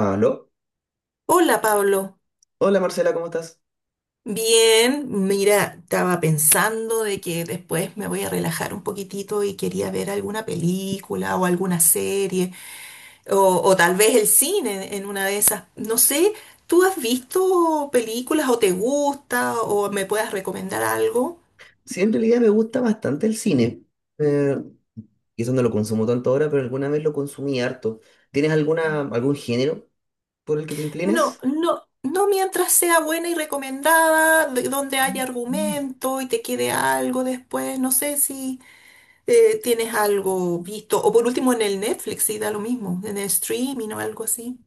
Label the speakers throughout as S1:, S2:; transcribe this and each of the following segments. S1: Aló,
S2: Hola Pablo,
S1: hola Marcela, ¿cómo estás?
S2: bien, mira, estaba pensando de que después me voy a relajar un poquitito y quería ver alguna película o alguna serie o tal vez el cine en una de esas. No sé, ¿tú has visto películas o te gusta o me puedas recomendar algo?
S1: Sí, en realidad me gusta bastante el cine. Eh, quizás no lo consumo tanto ahora, pero alguna vez lo consumí harto. ¿Tienes alguna, algún género por el que te
S2: No,
S1: inclines?
S2: no, no, mientras sea buena y recomendada, donde haya argumento y te quede algo después, no sé si. ¿Tienes algo visto? O por último en el Netflix, sí, da lo mismo, en el streaming o algo así.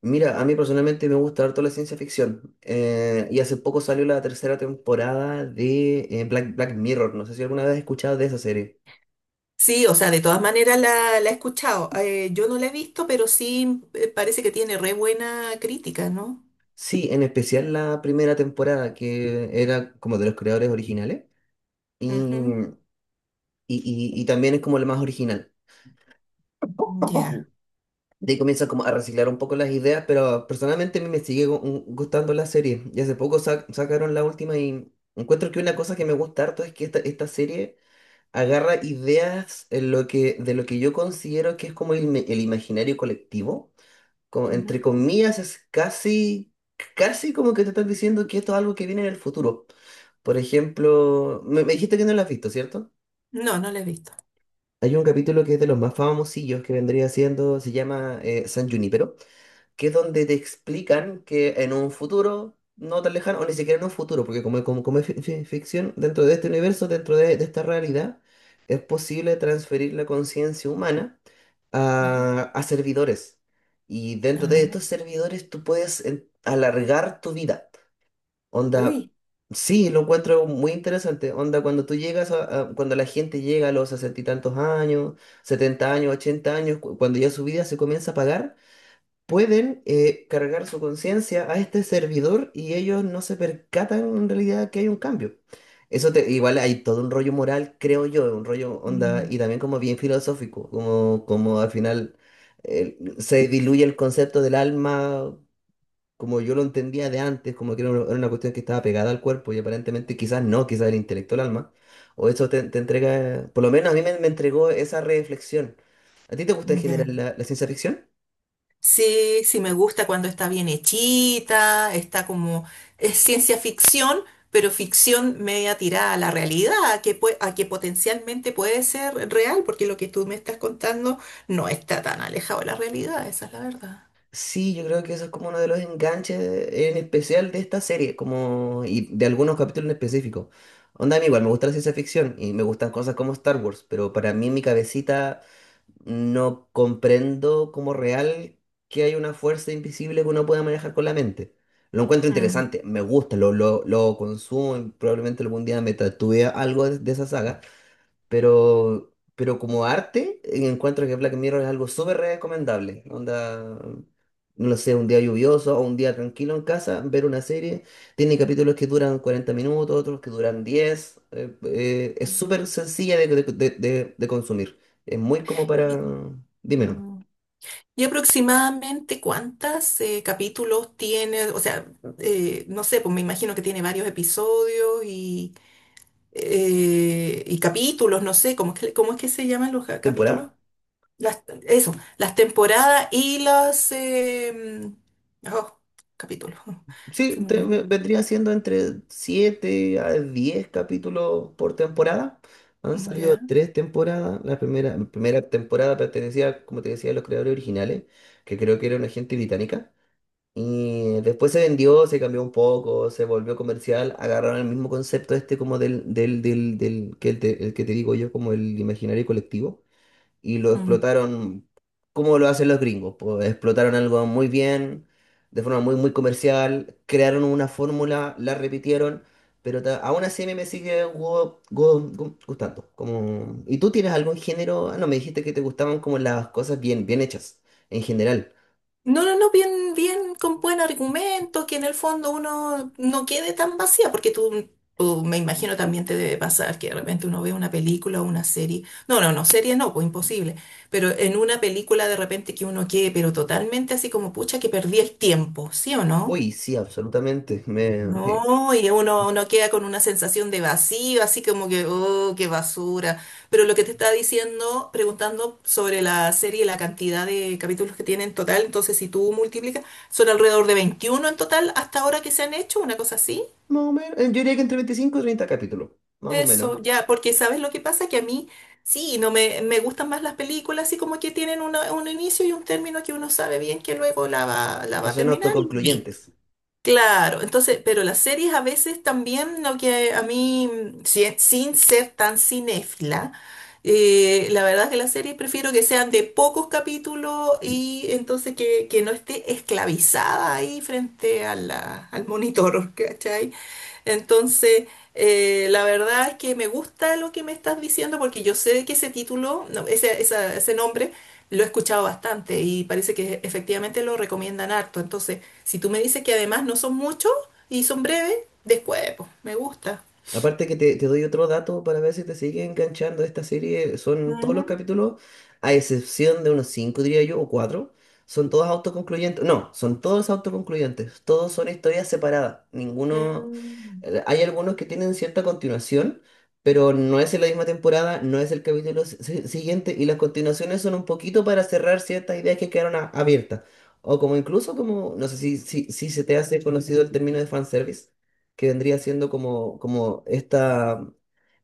S1: Mira, a mí personalmente me gusta harto la ciencia ficción. Y hace poco salió la tercera temporada de Black Mirror. No sé si alguna vez has escuchado de esa serie.
S2: Sí, o sea, de todas maneras la he escuchado. Yo no la he visto, pero sí, parece que tiene re buena crítica, ¿no?
S1: Sí, en especial la primera temporada, que era como de los creadores originales. Y,
S2: Ujú.
S1: y, y también es como la más original.
S2: Ya.
S1: De ahí comienzan como a reciclar un poco las ideas, pero personalmente a mí me sigue gustando la serie. Y hace poco sacaron la última y encuentro que una cosa que me gusta harto es que esta serie agarra ideas en lo que, de lo que yo considero que es como el imaginario colectivo. Como,
S2: Ujú.
S1: entre comillas, es casi, casi como que te están diciendo que esto es algo que viene en el futuro. Por ejemplo, me dijiste que no la has visto, ¿cierto?
S2: No, no la he visto.
S1: Hay un capítulo que es de los más famosillos que vendría siendo, se llama San Junípero, que es donde te explican que en un futuro no tan lejano, o ni siquiera en un futuro, porque como es ficción, dentro de este universo, dentro de esta realidad, es posible transferir la conciencia humana
S2: Ajá.
S1: a servidores. Y dentro de
S2: Ah,
S1: estos servidores tú puedes alargar tu vida. Onda,
S2: uy.
S1: sí, lo encuentro muy interesante. Onda, cuando la gente llega a los sesenta y tantos años, 70 años, 80 años, cuando ya su vida se comienza a pagar, pueden cargar su conciencia a este servidor y ellos no se percatan en realidad que hay un cambio. Igual hay todo un rollo moral, creo yo, un rollo onda y
S2: Mm.
S1: también como bien filosófico, como, como al final se diluye el concepto del alma como yo lo entendía de antes, como que era una cuestión que estaba pegada al cuerpo y aparentemente quizás no, quizás el intelecto al alma, o eso te entrega, por lo menos a mí me entregó esa reflexión. ¿A ti te gusta en
S2: Ya.
S1: general la ciencia ficción?
S2: Sí, sí me gusta cuando está bien hechita, está como, es ciencia ficción, pero ficción media tirada a la realidad, a que, a que potencialmente puede ser real, porque lo que tú me estás contando no está tan alejado de la realidad, esa es la verdad.
S1: Sí, yo creo que eso es como uno de los enganches, en especial de esta serie, como y de algunos capítulos en específico. Onda, a mí igual me gusta la ciencia ficción y me gustan cosas como Star Wars, pero para mí en mi cabecita no comprendo como real que hay una fuerza invisible que uno pueda manejar con la mente. Lo encuentro
S2: Mm.
S1: interesante, me gusta, lo consumo y probablemente algún día me tatúe algo de esa saga. Pero como arte, encuentro que Black Mirror es algo súper recomendable. Onda, no sé, un día lluvioso o un día tranquilo en casa, ver una serie. Tiene capítulos que duran 40 minutos, otros que duran 10. Es súper sencilla de consumir. Es muy como para.
S2: Y,
S1: Dime, ¿no?
S2: mm, ¿Y aproximadamente cuántos capítulos tiene? O sea, no sé, pues me imagino que tiene varios episodios y capítulos, no sé, ¿cómo es que se llaman los capítulos?
S1: ¿Temporada?
S2: Eso, las temporadas y los oh, capítulos. Se
S1: Sí,
S2: me olvidó.
S1: vendría siendo entre 7 a 10 capítulos por temporada. Han
S2: Mm.
S1: salido
S2: Ya.
S1: tres temporadas. La primera temporada pertenecía, como te decía, a los creadores originales, que creo que era una gente británica. Y después se vendió, se cambió un poco, se volvió comercial. Agarraron el mismo concepto este como del, del, del, del que, el te- el que te digo yo, como el imaginario colectivo, y lo
S2: Mm.
S1: explotaron como lo hacen los gringos. Pues explotaron algo muy bien, de forma muy, muy comercial, crearon una fórmula, la repitieron, pero aún así a mí me sigue gustando. Como. ¿Y tú tienes algún género? Ah, no, me dijiste que te gustaban como las cosas bien, bien hechas, en general.
S2: No, no, no, bien, bien, con buen argumento, que en el fondo uno no quede tan vacía, porque tú me imagino también te debe pasar que de repente uno ve una película o una serie. No, no, no, serie no, pues imposible. Pero en una película de repente que uno quede, pero totalmente así como, pucha, que perdí el tiempo, ¿sí o no?
S1: Uy, sí, absolutamente. Me.
S2: No, y uno queda con una sensación de vacío, así como que, oh, qué basura. Pero lo que te estaba diciendo, preguntando sobre la serie, la cantidad de capítulos que tiene en total, entonces si tú multiplicas, son alrededor de 21 en total hasta ahora que se han hecho, una cosa así.
S1: Más o menos, yo diría que entre 25 y 30 capítulos, más o menos,
S2: Eso, ya, porque ¿sabes lo que pasa? Que a mí sí, no me gustan más las películas, así como que tienen un inicio y un término que uno sabe bien que luego la va, la
S1: que
S2: va a
S1: son
S2: terminar y listo.
S1: autoconcluyentes.
S2: Claro, entonces, pero las series a veces también, lo que a mí, sin ser tan cinéfila, la verdad es que las series prefiero que sean de pocos capítulos y entonces que no esté esclavizada ahí frente a al monitor, ¿cachai? Entonces, la verdad es que me gusta lo que me estás diciendo porque yo sé que ese título, no, ese, ese nombre, lo he escuchado bastante y parece que efectivamente lo recomiendan harto. Entonces, si tú me dices que además no son muchos y son breves, después, pues, me gusta.
S1: Aparte que te doy otro dato para ver si te sigue enganchando esta serie. Son todos
S2: Ujú.
S1: los capítulos, a excepción de unos cinco, diría yo, o cuatro, son todos autoconcluyentes. No, son todos autoconcluyentes. Todos son historias separadas. Ninguno.
S2: Mm.
S1: Hay algunos que tienen cierta continuación, pero no es en la misma temporada, no es el capítulo siguiente, y las continuaciones son un poquito para cerrar ciertas ideas que quedaron abiertas. O como incluso como, no sé si se te hace conocido el término de fanservice, que vendría siendo como,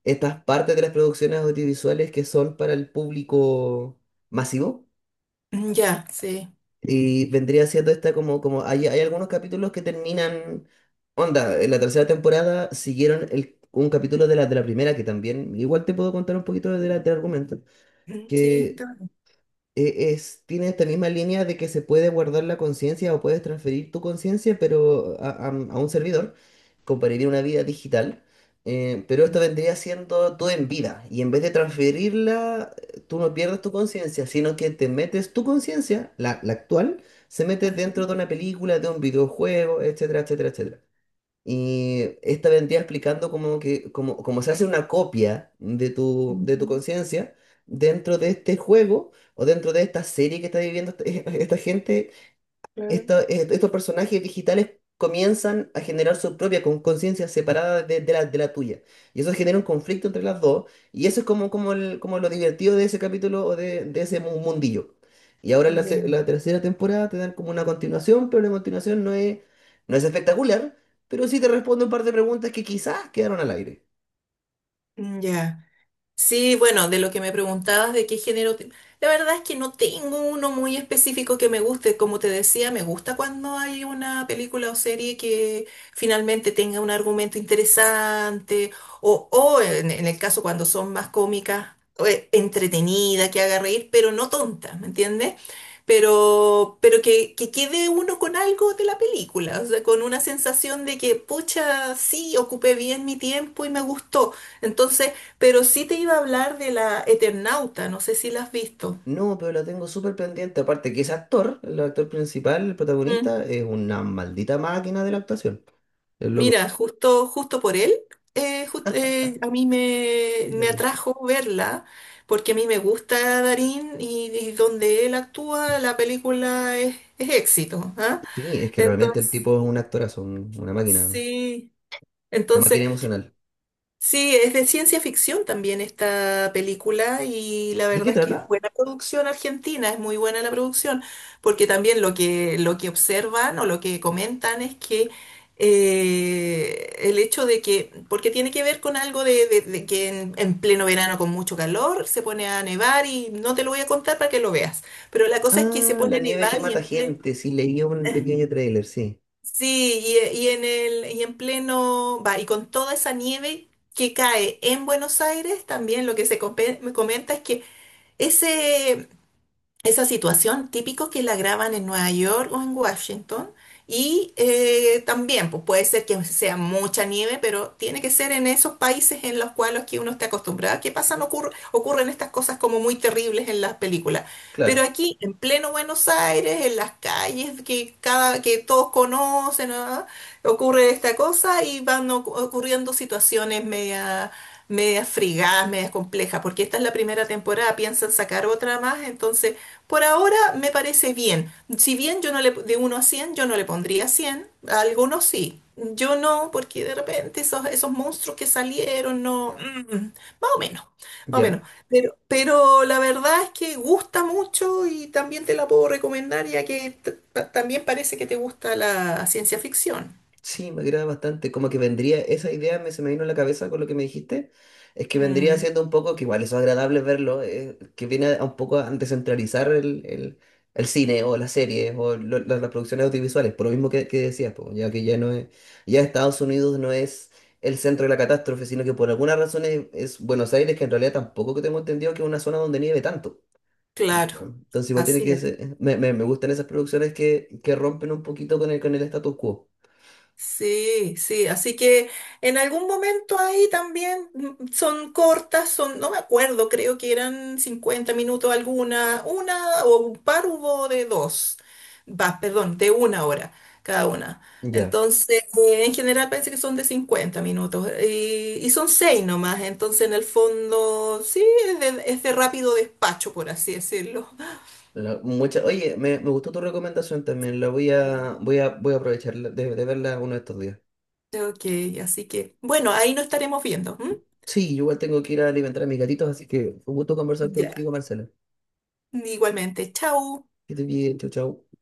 S1: estas partes de las producciones audiovisuales que son para el público masivo.
S2: Ya, sí.
S1: Y vendría siendo esta como, hay algunos capítulos que terminan, onda, en la tercera temporada siguieron un capítulo de la primera, que también, igual te puedo contar un poquito del argumento,
S2: Mm. Sí,
S1: que es, tiene esta misma línea de que se puede guardar la conciencia o puedes transferir tu conciencia, pero a un servidor, compararía una vida digital. Pero esto vendría siendo tú en vida, y en vez de transferirla, tú no pierdes tu conciencia, sino que te metes tu conciencia, la actual, se mete
S2: ajá,
S1: dentro de una película, de un videojuego, etcétera, etcétera, etcétera. Y esta vendría explicando cómo, cómo se hace una copia de tu
S2: ujú,
S1: conciencia dentro de este juego o dentro de esta serie que está viviendo esta, esta gente.
S2: claro,
S1: Estos personajes digitales comienzan a generar su propia conciencia separada de la tuya. Y eso genera un conflicto entre las dos. Y eso es como lo divertido de ese capítulo o de ese mundillo. Y ahora en
S2: ya,
S1: la tercera temporada te dan como una continuación, pero la continuación no es espectacular, pero sí te responde un par de preguntas que quizás quedaron al aire.
S2: ya. Sí, bueno, de lo que me preguntabas de qué género, la verdad es que no tengo uno muy específico que me guste. Como te decía, me gusta cuando hay una película o serie que finalmente tenga un argumento interesante o en, el caso cuando son más cómicas, o, entretenida, que haga reír, pero no tonta, ¿me entiendes? Pero que quede uno con algo de la película, o sea, con una sensación de que, pucha, sí, ocupé bien mi tiempo y me gustó. Entonces, pero sí te iba a hablar de la Eternauta, no sé si la has visto.
S1: No, pero la tengo súper pendiente. Aparte que ese actor, el actor principal, el
S2: Mm.
S1: protagonista, es una maldita máquina de la actuación. El loco.
S2: Mira, justo, justo por él, a mí me atrajo verla, porque a mí me gusta Darín y donde él actúa, la película es éxito, ¿ah?
S1: Sí, es que realmente el
S2: Entonces,
S1: tipo es un actorazo, una
S2: sí,
S1: máquina
S2: entonces
S1: emocional.
S2: sí, es de ciencia ficción también esta película y la
S1: ¿De
S2: verdad
S1: qué
S2: es que es
S1: trata?
S2: buena producción argentina, es muy buena la producción, porque también lo que observan o lo que comentan es que el hecho de que, porque tiene que ver con algo de que en pleno verano con mucho calor se pone a nevar y no te lo voy a contar para que lo veas, pero la cosa es que se
S1: Ah, la
S2: pone a
S1: nieve que
S2: nevar y
S1: mata
S2: en pleno.
S1: gente, sí, leí un pequeño tráiler, sí.
S2: Sí, y en el, y en pleno, va, y con toda esa nieve que cae en Buenos Aires, también lo que se me comenta es que ese, esa situación típico que la graban en Nueva York o en Washington. Y también, pues puede ser que sea mucha nieve, pero tiene que ser en esos países en los cuales que uno está acostumbrado. ¿Que pasan? Ocurren estas cosas como muy terribles en las películas. Pero
S1: Claro,
S2: aquí, en pleno Buenos Aires, en las calles que todos conocen, ¿ah? Ocurre esta cosa y van ocurriendo situaciones medias frigadas, medias complejas, porque esta es la primera temporada, piensan sacar otra más, entonces por ahora me parece bien. Si bien yo no le, de uno a 100, yo no le pondría 100, a algunos sí. Yo no, porque de repente esos monstruos que salieron, no, más o menos, más o menos.
S1: ya.
S2: Pero la verdad es que gusta mucho y también te la puedo recomendar, ya que también parece que te gusta la ciencia ficción.
S1: Sí, me agrada bastante. Como que vendría, esa idea se me vino a la cabeza con lo que me dijiste. Es que vendría
S2: Mm.
S1: siendo un poco, que igual eso es agradable verlo, que viene a un poco a descentralizar el cine o las series o las producciones audiovisuales, por lo mismo que decías, po, ya que ya Estados Unidos no es el centro de la catástrofe, sino que por alguna razón es Buenos Aires, que en realidad tampoco que tengo entendido que es una zona donde nieve tanto.
S2: Claro,
S1: Entonces igual tiene
S2: así
S1: que
S2: es.
S1: ser, me gustan esas producciones que rompen un poquito con con el status quo.
S2: Sí, sí, así que en algún momento ahí también, son cortas, no me acuerdo, creo que eran 50 minutos alguna, una o un par hubo de dos, va, perdón, de una hora cada una.
S1: Ya.
S2: Entonces, en general parece que son de 50 minutos y son seis nomás, entonces en el fondo sí, es de rápido despacho, por así decirlo.
S1: Oye, me gustó tu recomendación también. La
S2: Mm.
S1: voy a aprovechar de verla uno de estos días.
S2: Ok, así que bueno, ahí nos estaremos viendo. ¿M?
S1: Sí, yo igual tengo que ir a alimentar a mis gatitos, así que un gusto conversar
S2: Ya,
S1: contigo, Marcela.
S2: igualmente, chao.
S1: Que estés bien, chau, chau.